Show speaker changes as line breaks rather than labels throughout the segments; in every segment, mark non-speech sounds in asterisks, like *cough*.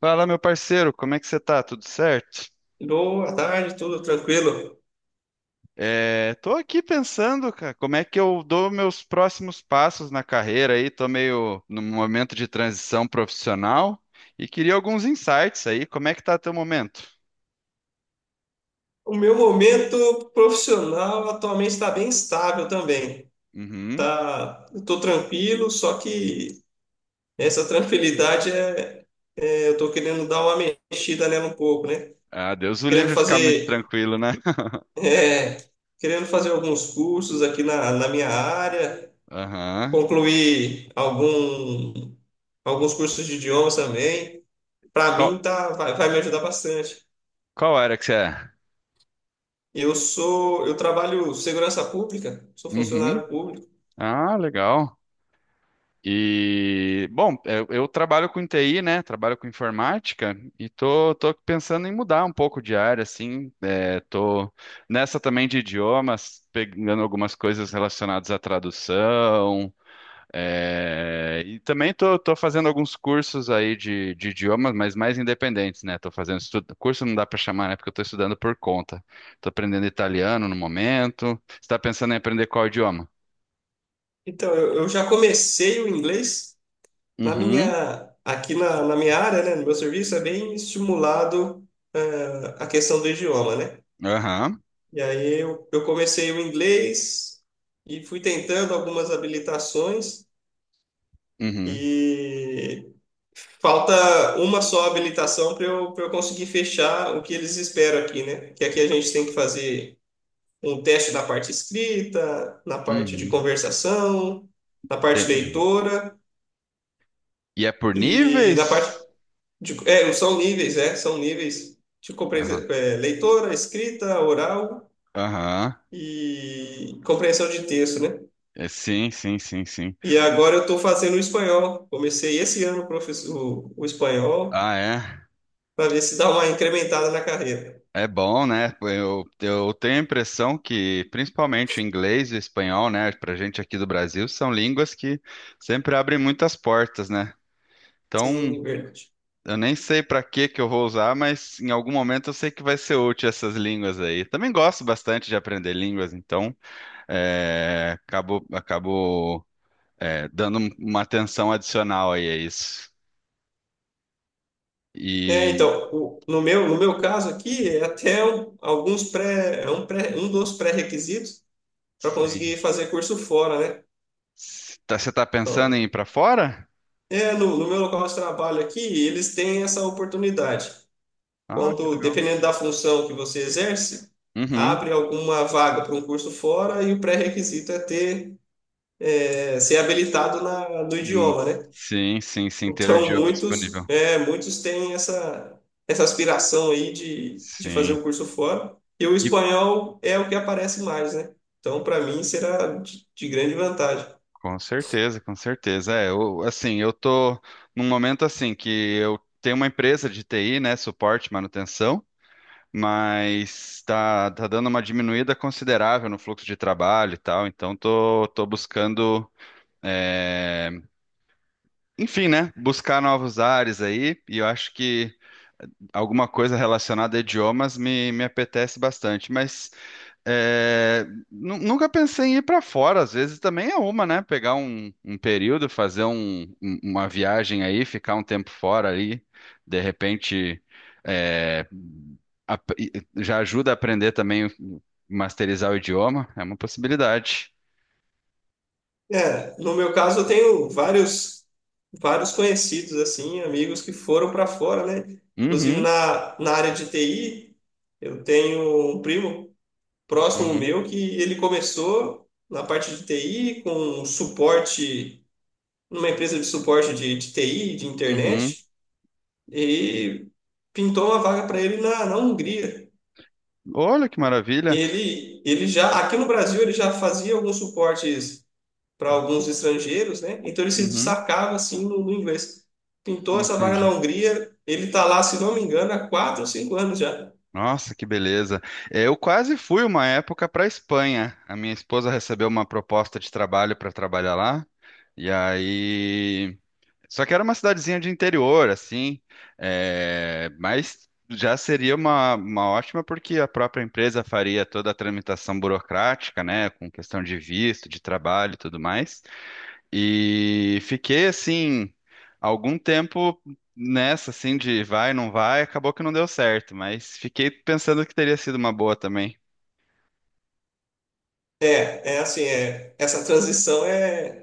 Fala, meu parceiro, como é que você tá? Tudo certo?
Boa tarde, tudo tranquilo?
Tô aqui pensando, cara, como é que eu dou meus próximos passos na carreira aí. Tô meio num momento de transição profissional e queria alguns insights aí. Como é que tá teu momento?
O meu momento profissional atualmente está bem estável também.
Uhum.
Tá, estou tranquilo, só que essa tranquilidade eu estou querendo dar uma mexida nela um pouco, né?
Ah, Deus o
Querendo
livre ficar muito
fazer,
tranquilo, né? *laughs*
é, querendo fazer alguns cursos aqui na minha área,
Aham.
concluir alguns cursos de idiomas também. Para
Qual,
mim tá, vai, vai me ajudar bastante.
qual área que você é?
Eu trabalho segurança pública, sou
Uhum.
funcionário público.
Ah, legal. E, bom, eu trabalho com TI, né? Trabalho com informática e tô pensando em mudar um pouco de área, assim. Tô nessa também de idiomas, pegando algumas coisas relacionadas à tradução. E também tô fazendo alguns cursos aí de idiomas, mas mais independentes, né? Tô fazendo estudo, curso não dá para chamar, né? Porque eu tô estudando por conta. Tô aprendendo italiano no momento. Você tá pensando em aprender qual idioma?
Então, eu já comecei o inglês na
Uhum,
minha, aqui na minha área, né? No meu serviço é bem estimulado, a questão do idioma, né?
aham,
E aí eu comecei o inglês e fui tentando algumas habilitações
uhum,
e falta uma só habilitação para para eu conseguir fechar o que eles esperam aqui, né? Que aqui a gente tem que fazer um teste na parte escrita, na parte de
uhum.
conversação, na parte
Entendi.
leitora
E é por
e na parte
níveis?
de, é, são níveis de
Aham.
leitora, escrita, oral
Aham.
e compreensão de texto, né?
É, sim, sim, sim, sim.
E agora eu estou fazendo o espanhol. Comecei esse ano professor, o espanhol
Ah, é.
para ver se dá uma incrementada na carreira.
É bom, né? Eu tenho a impressão que, principalmente o inglês e o espanhol, né, pra gente aqui do Brasil, são línguas que sempre abrem muitas portas, né? Então,
Sim, verdade.
eu nem sei pra que que eu vou usar, mas em algum momento eu sei que vai ser útil essas línguas aí. Também gosto bastante de aprender línguas, então, é, acabo, acabo, dando um, uma atenção adicional aí a isso.
É,
E
então, no meu, no meu caso aqui, é até um- alguns pré, é um, pré, um dos pré-requisitos para
sim.
conseguir fazer curso fora, né?
S- tá- Você tá pensando
Então,
em ir pra fora?
é, no meu local de trabalho aqui, eles têm essa oportunidade.
Ah, que
Quando,
legal.
dependendo da função que você exerce,
Uhum.
abre alguma vaga para um curso fora e o pré-requisito é ser habilitado no
Hum,
idioma, né?
sim, sim, sim, ter o
Então,
idioma disponível.
muitos têm essa aspiração aí de fazer
Sim.
o curso fora. E o
E
espanhol é o que aparece mais, né? Então, para mim, será de grande vantagem.
com certeza, com certeza. É, eu, assim, eu tô num momento assim que eu tenho uma empresa de TI, né, suporte, manutenção, mas tá dando uma diminuída considerável no fluxo de trabalho e tal, então tô buscando, é, enfim, né, buscar novos ares aí, e eu acho que alguma coisa relacionada a idiomas me apetece bastante, mas é, nu- nunca pensei em ir para fora, às vezes também é uma, né? Pegar um, um período, fazer um- um- uma viagem aí, ficar um tempo fora aí, de repente, é, ap- e- já ajuda a aprender também, o- masterizar o idioma, é uma possibilidade.
É, no meu caso, eu tenho vários conhecidos, assim, amigos que foram para fora, né? Inclusive
Uhum,
na área de TI, eu tenho um primo próximo
uhum,
meu que ele começou na parte de TI com um suporte, numa empresa de suporte de TI, de
uhum.
internet, e pintou uma vaga para ele na Hungria.
Olha que maravilha.
Ele já, aqui no Brasil, ele já fazia alguns suportes para alguns estrangeiros, né? Então ele se
Uhum,
destacava assim no inglês. Pintou essa vaga na
entendi.
Hungria, ele está lá, se não me engano, há quatro ou cinco anos já.
Nossa, que beleza. É, eu quase fui uma época para Espanha. A minha esposa recebeu uma proposta de trabalho para trabalhar lá. E aí. Só que era uma cidadezinha de interior, assim. Mas já seria uma ótima, porque a própria empresa faria toda a tramitação burocrática, né? Com questão de visto, de trabalho e tudo mais. E fiquei assim, algum tempo nessa, assim, de vai, não vai, acabou que não deu certo, mas fiquei pensando que teria sido uma boa também.
Essa transição é.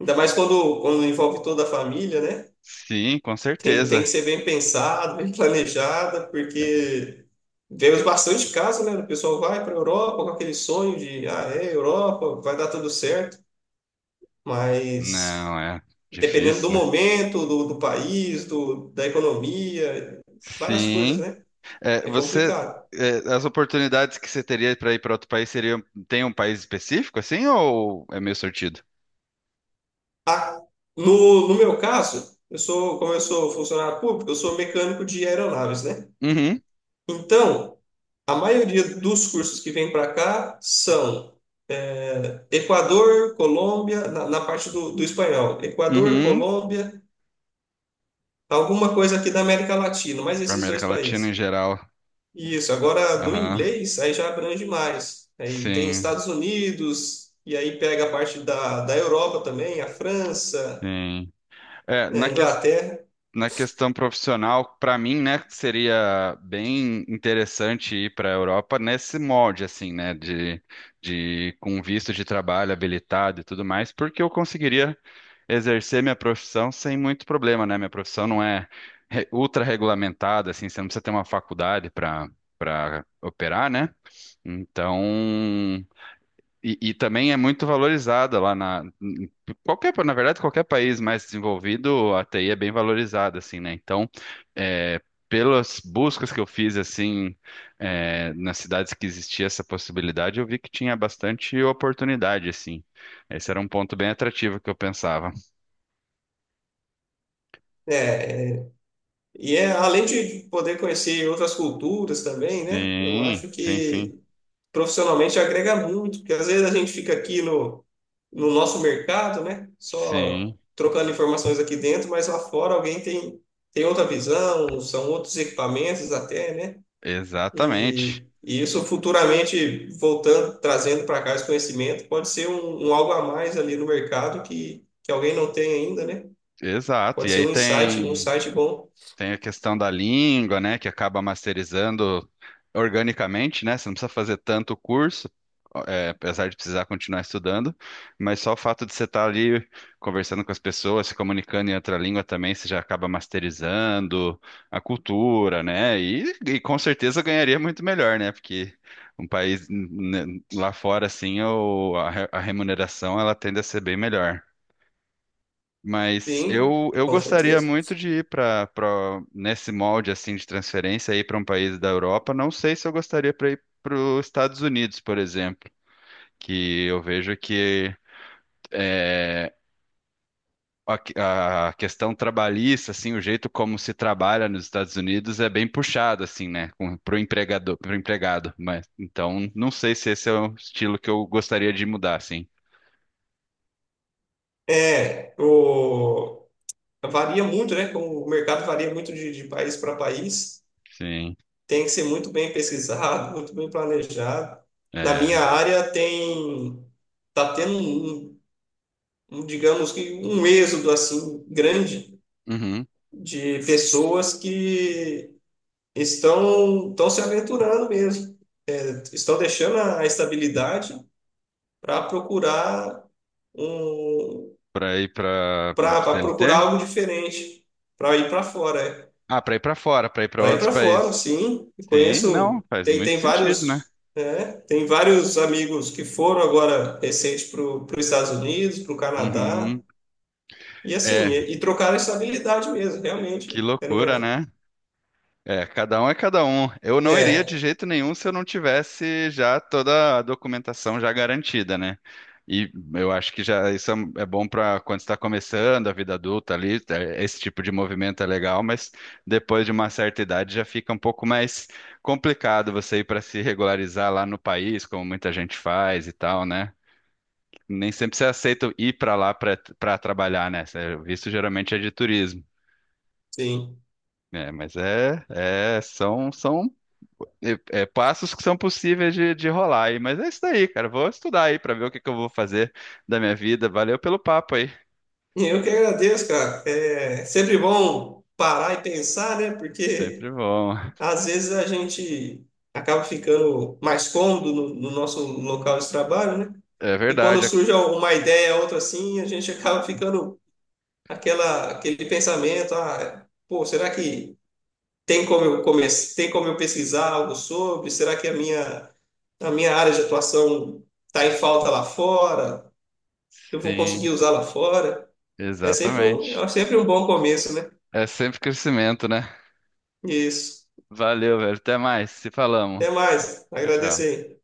Ainda mais quando envolve toda a família, né?
Sim, com
Tem que
certeza.
ser bem pensada, bem planejada, porque vemos bastante casos, né? O pessoal vai para a Europa com aquele sonho de, ah, é, Europa, vai dar tudo certo, mas
Não, é
dependendo do
difícil, né?
momento, do país, da economia, várias coisas,
Sim.
né?
É,
É
você,
complicado.
as oportunidades que você teria para ir para outro país seriam, tem um país específico, assim, ou é meio sortido?
Ah, no meu caso, como eu sou funcionário público, eu sou mecânico de aeronaves, né?
Uhum,
Então, a maioria dos cursos que vem para cá são Equador, Colômbia, na parte do espanhol, Equador,
uhum.
Colômbia, alguma coisa aqui da América Latina, mais
Para
esses dois
América Latina em
países.
geral.
Isso, agora do
Aham.
inglês aí já abrange mais. Aí tem
Sim,
Estados Unidos, e aí pega a parte da Europa também, a França,
sim. É,
a
na questão.
Inglaterra.
Na questão profissional, para mim, né, que seria bem interessante ir para a Europa nesse molde, assim, né, de com visto de trabalho habilitado e tudo mais, porque eu conseguiria exercer minha profissão sem muito problema, né? Minha profissão não é re- ultra regulamentada, assim, você não precisa ter uma faculdade para operar, né? Então, e também é muito valorizada lá na em qualquer, na verdade, qualquer país mais desenvolvido, a TI é bem valorizada, assim, né? Então, é, pelas buscas que eu fiz, assim, nas cidades que existia essa possibilidade, eu vi que tinha bastante oportunidade, assim. Esse era um ponto bem atrativo que eu pensava.
É, e é além de poder conhecer outras culturas também, né? Eu
Sim,
acho
sim, sim,
que profissionalmente agrega muito, porque às vezes a gente fica aqui no nosso mercado, né? Só
sim,
trocando informações aqui dentro, mas lá fora alguém tem outra visão, são outros equipamentos até, né?
exatamente,
E isso futuramente, voltando, trazendo para cá esse conhecimento, pode ser um algo a mais ali no mercado que alguém não tem ainda, né?
exato.
Pode
E
ser
aí
um
tem
insight bom.
tem a questão da língua, né, que acaba masterizando organicamente, né? Você não precisa fazer tanto curso, apesar de precisar continuar estudando, mas só o fato de você estar ali conversando com as pessoas, se comunicando em outra língua também, você já acaba masterizando a cultura, né? E com certeza ganharia muito melhor, né? Porque um país né, lá fora, assim, o- a re- a remuneração ela tende a ser bem melhor. Mas
Sim,
eu, eu
com
gostaria
certeza.
muito de ir para nesse molde assim de transferência ir para um país da Europa. Não sei se eu gostaria para ir para os Estados Unidos, por exemplo, que eu vejo que é, a questão trabalhista, assim, o jeito como se trabalha nos Estados Unidos é bem puxado assim, né, para o empregador, para empregado. Mas então não sei se esse é o estilo que eu gostaria de mudar, assim.
É, o, varia muito, né? Como o mercado varia muito de país para país.
Sim.
Tem que ser muito bem pesquisado, muito bem planejado. Na
É.
minha área tá tendo um, digamos que um êxodo assim grande
Uhum.
de pessoas que estão se aventurando mesmo, estão deixando a estabilidade para procurar um
Para ir para
para procurar
CLT?
algo diferente, para ir para fora, é.
Ah, para ir para fora, para ir para
Para ir
outros
para fora,
países.
sim.
Sim, não,
Conheço,
faz
tem,
muito
tem
sentido, né?
vários, né? Tem vários amigos que foram agora recente para os Estados Unidos, para o Canadá,
Uhum.
e assim,
É,
e trocaram a estabilidade mesmo,
que
realmente. Era
loucura,
uma,
né? É, cada um é cada um. Eu não iria de
é,
jeito nenhum se eu não tivesse já toda a documentação já garantida, né? E eu acho que já isso é é bom para quando está começando a vida adulta ali, é, esse tipo de movimento é legal, mas depois de uma certa idade já fica um pouco mais complicado você ir para se regularizar lá no país, como muita gente faz e tal, né? Nem sempre você aceita ir para lá para trabalhar, né? Cê- O visto geralmente é de turismo.
sim.
É, mas é, é são são é, é, passos que são possíveis de rolar aí. Mas é isso daí, cara. Vou estudar aí para ver o que que eu vou fazer da minha vida. Valeu pelo papo aí.
Eu que agradeço, cara. É sempre bom parar e pensar, né? Porque
Sempre bom.
às vezes a gente acaba ficando mais cômodo no nosso local de trabalho, né?
É
E quando
verdade. Ac-
surge uma ideia, outra assim, a gente acaba ficando aquela, aquele pensamento, ah, pô, será que tem como eu tem como eu pesquisar algo sobre? Será que a a minha área de atuação está em falta lá fora? Eu vou
sim,
conseguir usar lá fora? É sempre
exatamente.
é sempre um bom começo, né?
É sempre crescimento, né?
Isso.
Valeu, velho. Até mais. Se falamos.
Até mais.
Tchau,
Agradeço
tchau.
aí.